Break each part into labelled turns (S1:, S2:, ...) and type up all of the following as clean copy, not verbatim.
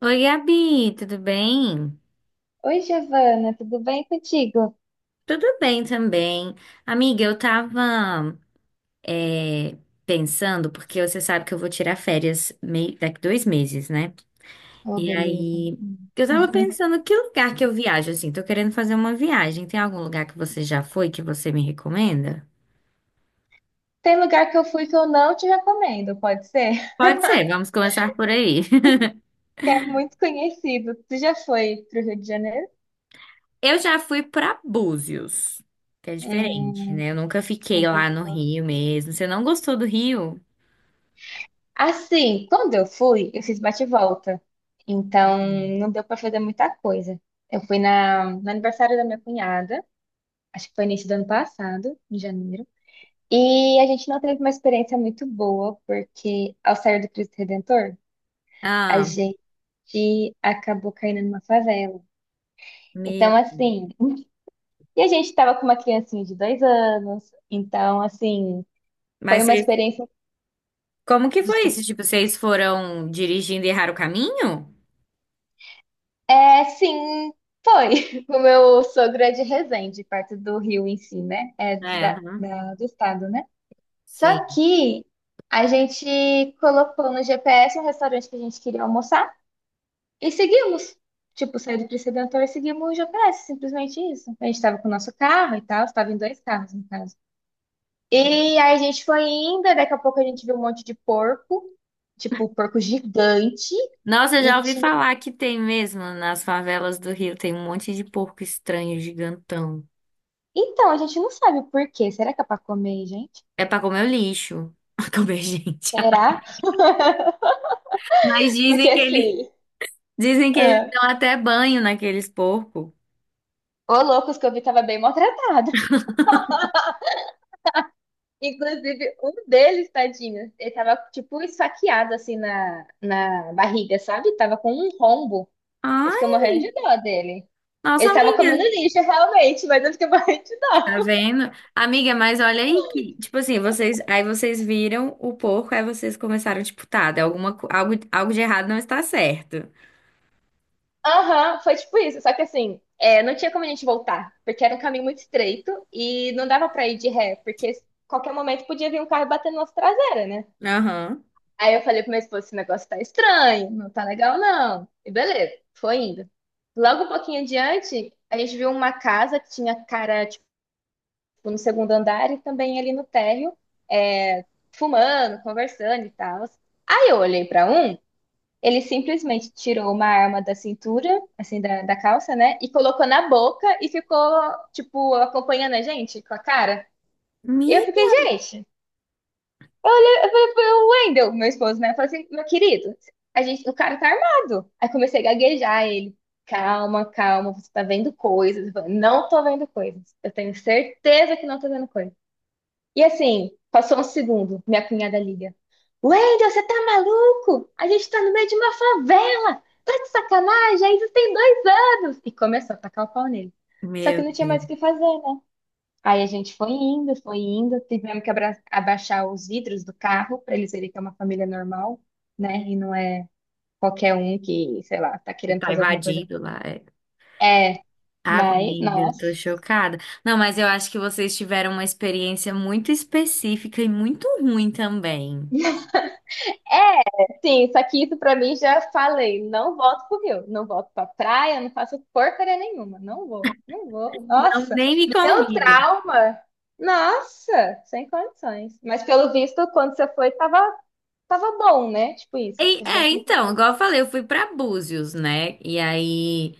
S1: Oi, Gabi, tudo bem?
S2: Oi, Giovana, tudo bem contigo?
S1: Tudo bem também. Amiga, eu tava é, pensando, porque você sabe que eu vou tirar férias daqui 2 meses, né?
S2: Oh,
S1: E
S2: beleza.
S1: aí,
S2: Hum.
S1: eu tava pensando que lugar que eu viajo, assim, tô querendo fazer uma viagem. Tem algum lugar que você já foi que você me recomenda?
S2: Tem lugar que eu fui que eu não te recomendo, pode ser?
S1: Pode ser, vamos começar por aí.
S2: Que é muito conhecido. Tu já foi pro Rio de Janeiro?
S1: Eu já fui pra Búzios, que é diferente,
S2: Hum.
S1: né? Eu nunca fiquei lá no Rio mesmo. Você não gostou do Rio?
S2: Assim, quando eu fui, eu fiz bate-volta e volta. Então, não deu para fazer muita coisa. Eu fui no aniversário da minha cunhada, acho que foi início do ano passado, em janeiro. E a gente não teve uma experiência muito boa, porque ao sair do Cristo Redentor, a
S1: Ah,
S2: gente acabou caindo numa favela. Então,
S1: meu.
S2: assim, e a gente estava com uma criancinha de dois anos, então, assim, foi
S1: Mas
S2: uma
S1: você
S2: experiência.
S1: Como que foi
S2: Desculpa.
S1: isso? Tipo, vocês foram dirigindo e erraram o caminho?
S2: É, sim, foi. O meu sogro é de Resende, perto do Rio em si, né? É
S1: É, aham,
S2: do estado, né?
S1: sim.
S2: Só que a gente colocou no GPS um restaurante que a gente queria almoçar e seguimos. Tipo, saiu do Cristo Redentor e seguimos o GPS, simplesmente isso. A gente estava com o nosso carro e tal, estava em dois carros, no caso. E aí a gente foi indo, e daqui a pouco a gente viu um monte de porco, tipo, porco gigante,
S1: Nossa, eu já
S2: e
S1: ouvi
S2: tinha...
S1: falar que tem mesmo nas favelas do Rio, tem um monte de porco estranho, gigantão.
S2: Então, a gente não sabe o porquê. Será que é pra comer, gente?
S1: É pra comer o lixo. Pra comer gente.
S2: Será?
S1: Mas
S2: Porque assim,
S1: dizem que eles
S2: ah,
S1: dão até banho naqueles porcos.
S2: ô loucos que eu vi tava bem maltratado. Inclusive, um deles, tadinho, ele tava, tipo, esfaqueado, assim, na barriga, sabe? Tava com um rombo. Eu fiquei
S1: Ai,
S2: morrendo de dó dele. Ele
S1: nossa
S2: tava comendo
S1: amiga,
S2: lixo, realmente, mas eu fiquei morrendo de
S1: tá
S2: dó.
S1: vendo? Amiga, mas olha aí que, tipo assim, vocês, aí vocês viram o porco, aí vocês começaram, tipo, tá, de alguma, algo de errado não está certo.
S2: Aham, foi tipo isso. Só que assim, é, não tinha como a gente voltar, porque era um caminho muito estreito e não dava pra ir de ré, porque qualquer momento podia vir um carro e bater na nossa traseira, né?
S1: Aham.
S2: Aí eu falei pro meu esposo, esse negócio tá estranho, não tá legal não. E beleza, foi indo. Logo um pouquinho adiante, a gente viu uma casa que tinha cara, tipo, no segundo andar e também ali no térreo, é, fumando, conversando e tal. Aí eu olhei pra um. Ele simplesmente tirou uma arma da cintura, assim, da calça, né? E colocou na boca e ficou, tipo, acompanhando a gente com a cara. Eu
S1: Mi-
S2: fiquei, gente, eu falei pro Wendel, meu esposo, né? Eu falei assim, meu querido, a gente, o cara tá armado. Aí comecei a gaguejar ele. Calma, calma, você tá vendo coisas. Eu falei, não tô vendo coisas. Eu tenho certeza que não tô vendo coisas. E assim, passou um segundo, minha cunhada liga. Wendel, você tá maluco? A gente tá no meio de uma favela! Tá de sacanagem? Ainda tem dois anos! E começou a tacar o pau nele. Só que
S1: Meu
S2: não tinha
S1: Deus,
S2: mais o que fazer, né? Aí a gente foi indo, tivemos que abaixar os vidros do carro pra eles verem que é uma família normal, né? E não é qualquer um que, sei lá, tá
S1: você
S2: querendo
S1: tá
S2: fazer alguma coisa.
S1: invadido lá. É.
S2: É, mas,
S1: Amiga, eu tô
S2: nossa.
S1: chocada. Não, mas eu acho que vocês tiveram uma experiência muito específica e muito ruim também.
S2: Sim, só que isso pra mim já falei. Não volto pro Rio, não volto pra praia, não faço porcaria nenhuma. Não vou, não vou.
S1: Não,
S2: Nossa,
S1: nem me
S2: me deu
S1: convidem.
S2: trauma. Nossa, sem condições. Mas pelo visto, quando você foi, tava, tava bom, né? Tipo isso.
S1: E-
S2: Tudo bem
S1: é,
S2: que ele falou,
S1: então, igual eu falei, eu fui pra Búzios, né? E aí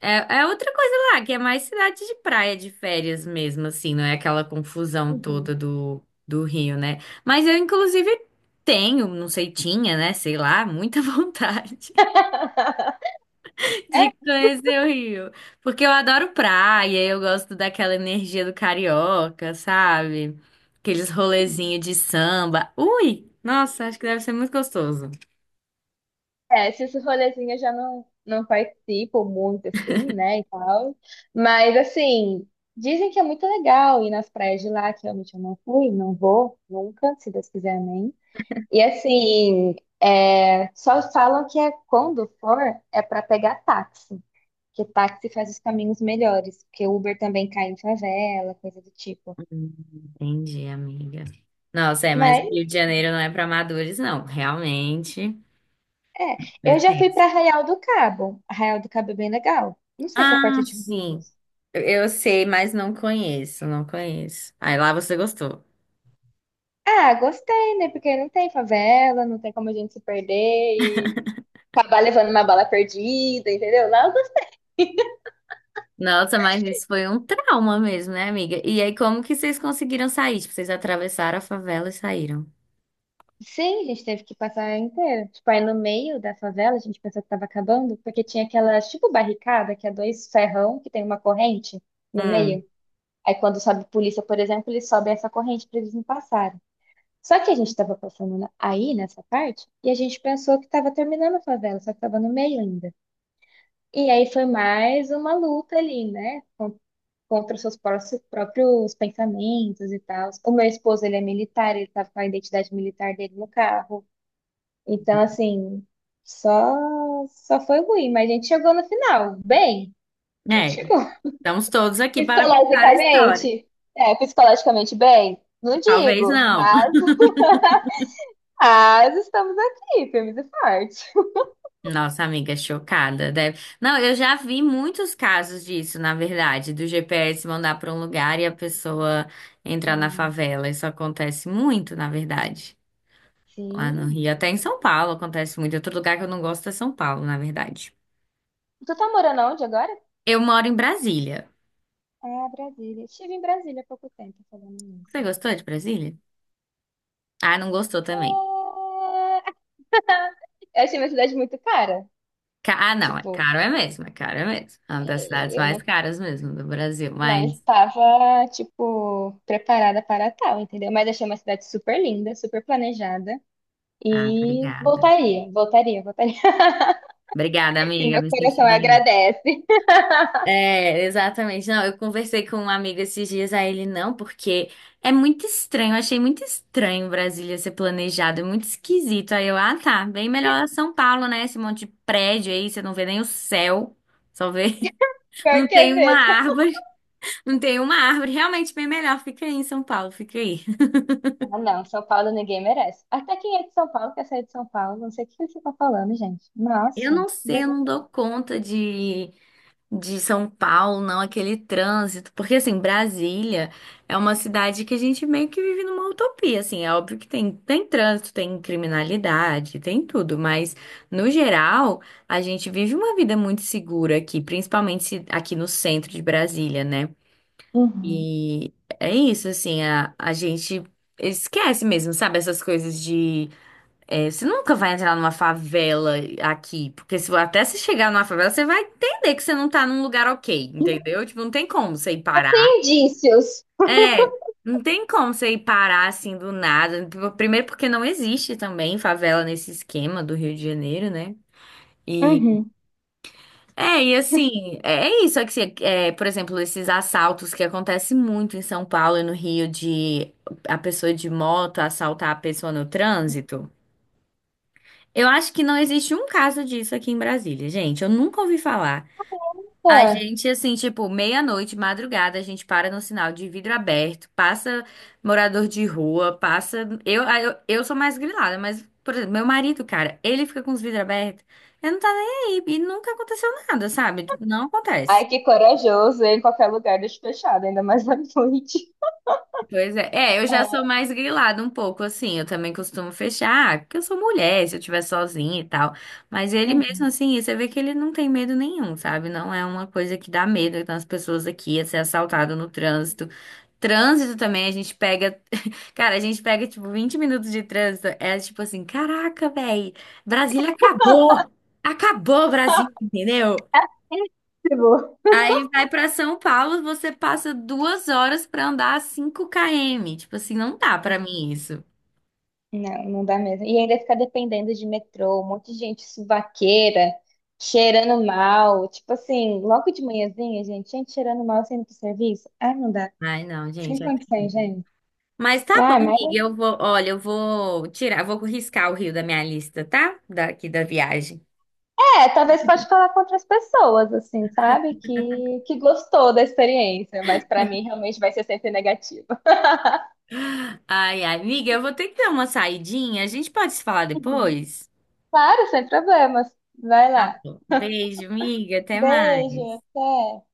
S1: é outra coisa lá, que é mais cidade de praia, de férias mesmo, assim, não é aquela confusão toda
S2: uhum.
S1: do Rio, né? Mas eu, inclusive, tenho, não sei, tinha, né? Sei lá, muita vontade. De conhecer o Rio. Porque eu adoro praia, eu gosto daquela energia do carioca, sabe? Aqueles rolezinhos de samba. Ui! Nossa, acho que deve ser muito gostoso.
S2: É, esses rolezinhos eu já não participo muito, assim, né, e tal. Mas, assim, dizem que é muito legal ir nas praias de lá, que realmente eu não fui, não vou, nunca, se Deus quiser, amém. E assim, é, só falam que é quando for, é para pegar táxi, que táxi faz os caminhos melhores, porque Uber também cai em favela, coisa do tipo.
S1: Hum, Entendi, amiga. Nossa, mas o
S2: Mas
S1: Rio de Janeiro não é para amadores, não. Realmente
S2: é,
S1: é
S2: eu já fui
S1: tenso.
S2: para Arraial do Cabo. Arraial do Cabo é bem legal. Não sei se é
S1: Ah,
S2: perto de
S1: sim.
S2: Búzios.
S1: Eu sei, mas não conheço, não conheço. Aí lá você gostou.
S2: Ah, gostei, né? Porque não tem favela, não tem como a gente se perder e acabar levando uma bala perdida, entendeu? Lá eu gostei.
S1: Nossa, mas isso foi um trauma mesmo, né, amiga? E aí, como que vocês conseguiram sair? Tipo, vocês atravessaram a favela e saíram.
S2: Sim, a gente teve que passar inteiro. Tipo, aí no meio da favela, a gente pensou que tava acabando, porque tinha aquelas, tipo, barricada, que é dois ferrão, que tem uma corrente no meio.
S1: Hum,
S2: Aí quando sobe polícia, por exemplo, eles sobem essa corrente pra eles não passarem. Só que a gente tava passando aí, nessa parte, e a gente pensou que tava terminando a favela, só que tava no meio ainda. E aí foi mais uma luta ali, né? Contra os seus próprios pensamentos e tal. O meu esposo, ele é militar, ele tava com a identidade militar dele no carro. Então, assim, só, só foi ruim, mas a gente chegou no final, bem. A gente
S1: é.
S2: chegou.
S1: Estamos todos aqui para contar a história.
S2: Psicologicamente, é, psicologicamente bem, não
S1: Talvez
S2: digo,
S1: não.
S2: mas estamos aqui, firmes e fortes.
S1: Nossa, amiga, chocada. Não, eu já vi muitos casos disso, na verdade, do GPS mandar para um lugar e a pessoa entrar na
S2: Hum.
S1: favela. Isso acontece muito, na verdade. Lá no
S2: Sim.
S1: Rio, até em São Paulo acontece muito. Outro lugar que eu não gosto é São Paulo, na verdade.
S2: Tu tá morando onde agora?
S1: Eu moro em Brasília.
S2: Ah, Brasília. Estive em Brasília há pouco tempo, falando nisso.
S1: Você gostou de Brasília? Ah, não gostou também.
S2: Ah, eu achei minha cidade muito cara.
S1: Ah, não, é
S2: Tipo,
S1: caro é mesmo, é caro é mesmo. É uma das cidades
S2: é,
S1: mais
S2: eu
S1: caras mesmo do Brasil,
S2: não
S1: mas.
S2: estava, tipo, preparada para tal, entendeu? Mas achei uma cidade super linda, super planejada.
S1: Ah,
S2: E
S1: obrigada.
S2: voltaria, voltaria, voltaria.
S1: Obrigada,
S2: E
S1: amiga,
S2: meu
S1: me senti
S2: coração
S1: melhor.
S2: agradece.
S1: É, exatamente. Não, eu conversei com um amigo esses dias, a ele não, porque é muito estranho. Eu achei muito estranho Brasília ser planejado, é muito esquisito. Aí eu, ah, tá, bem melhor São Paulo, né? Esse monte de prédio aí, você não vê nem o céu, só vê. Não
S2: Pior que
S1: tem
S2: é
S1: uma
S2: mesmo.
S1: árvore, não tem uma árvore. Realmente bem melhor. Fica aí em São Paulo, fica aí.
S2: Ah, não, São Paulo ninguém merece. Até quem é de São Paulo quer sair de São Paulo. Não sei o que você está falando, gente.
S1: Eu
S2: Nossa,
S1: não sei, eu não
S2: misericórdia.
S1: dou conta de, São Paulo, não, aquele trânsito, porque assim, Brasília é uma cidade que a gente meio que vive numa utopia, assim, é óbvio que tem trânsito, tem criminalidade, tem tudo, mas no geral, a gente vive uma vida muito segura aqui, principalmente aqui no centro de Brasília, né?
S2: Uhum.
S1: E é isso, assim, a gente esquece mesmo, sabe, essas coisas é, você nunca vai entrar numa favela aqui, porque se, até se chegar numa favela, você vai entender que você não tá num lugar ok, entendeu? Tipo, não tem como você ir parar.
S2: Indícios.
S1: É, não tem como você ir parar assim do nada. Primeiro porque não existe também favela nesse esquema do Rio de Janeiro, né? E
S2: Uhum.
S1: e assim, é isso é que é, por exemplo, esses assaltos que acontecem muito em São Paulo e no Rio de a pessoa de moto assaltar a pessoa no trânsito. Eu acho que não existe um caso disso aqui em Brasília, gente. Eu nunca ouvi falar. A
S2: Tá.
S1: gente, assim, tipo, meia-noite, madrugada, a gente para no sinal de vidro aberto, passa morador de rua, passa. Eu sou mais grilada, mas, por exemplo, meu marido, cara, ele fica com os vidros abertos, ele não tá nem aí. E nunca aconteceu nada, sabe? Tipo, não acontece.
S2: Ai, que corajoso. Em qualquer lugar, deixa fechado, ainda mais à noite.
S1: Pois é. É, eu já sou
S2: É.
S1: mais grilada um pouco, assim. Eu também costumo fechar, porque eu sou mulher, se eu estiver sozinha e tal. Mas ele mesmo,
S2: Uhum.
S1: assim, você vê que ele não tem medo nenhum, sabe? Não é uma coisa que dá medo. Então, as pessoas aqui, é ser assaltado no trânsito. Trânsito também, a gente pega. Cara, a gente pega, tipo, 20 minutos de trânsito. É tipo assim: caraca, véi, Brasília acabou! Acabou, Brasília, entendeu?
S2: Tipo,
S1: Aí vai pra São Paulo, você passa 2 horas pra andar 5 km. Tipo assim, não dá pra mim isso.
S2: não, não dá mesmo. E ainda ficar dependendo de metrô, um monte de gente suvaqueira, cheirando mal. Tipo assim, logo de manhãzinha, gente, gente cheirando mal saindo pro serviço. Ah, não dá.
S1: Ai, não, gente,
S2: Sem
S1: é
S2: condições,
S1: terrível.
S2: gente.
S1: Mas tá bom,
S2: Ah,
S1: amiga,
S2: mas
S1: olha, vou riscar o Rio da minha lista, tá? Daqui da viagem.
S2: é, talvez pode falar com outras pessoas, assim, sabe? Que gostou da experiência, mas pra mim realmente vai ser sempre negativa.
S1: Ai, ai, amiga, eu vou ter que dar uma saidinha. A gente pode se falar
S2: Uhum.
S1: depois?
S2: Claro, sem problemas. Vai
S1: Tá
S2: lá.
S1: bom. Beijo, amiga, até
S2: Beijo,
S1: mais.
S2: até.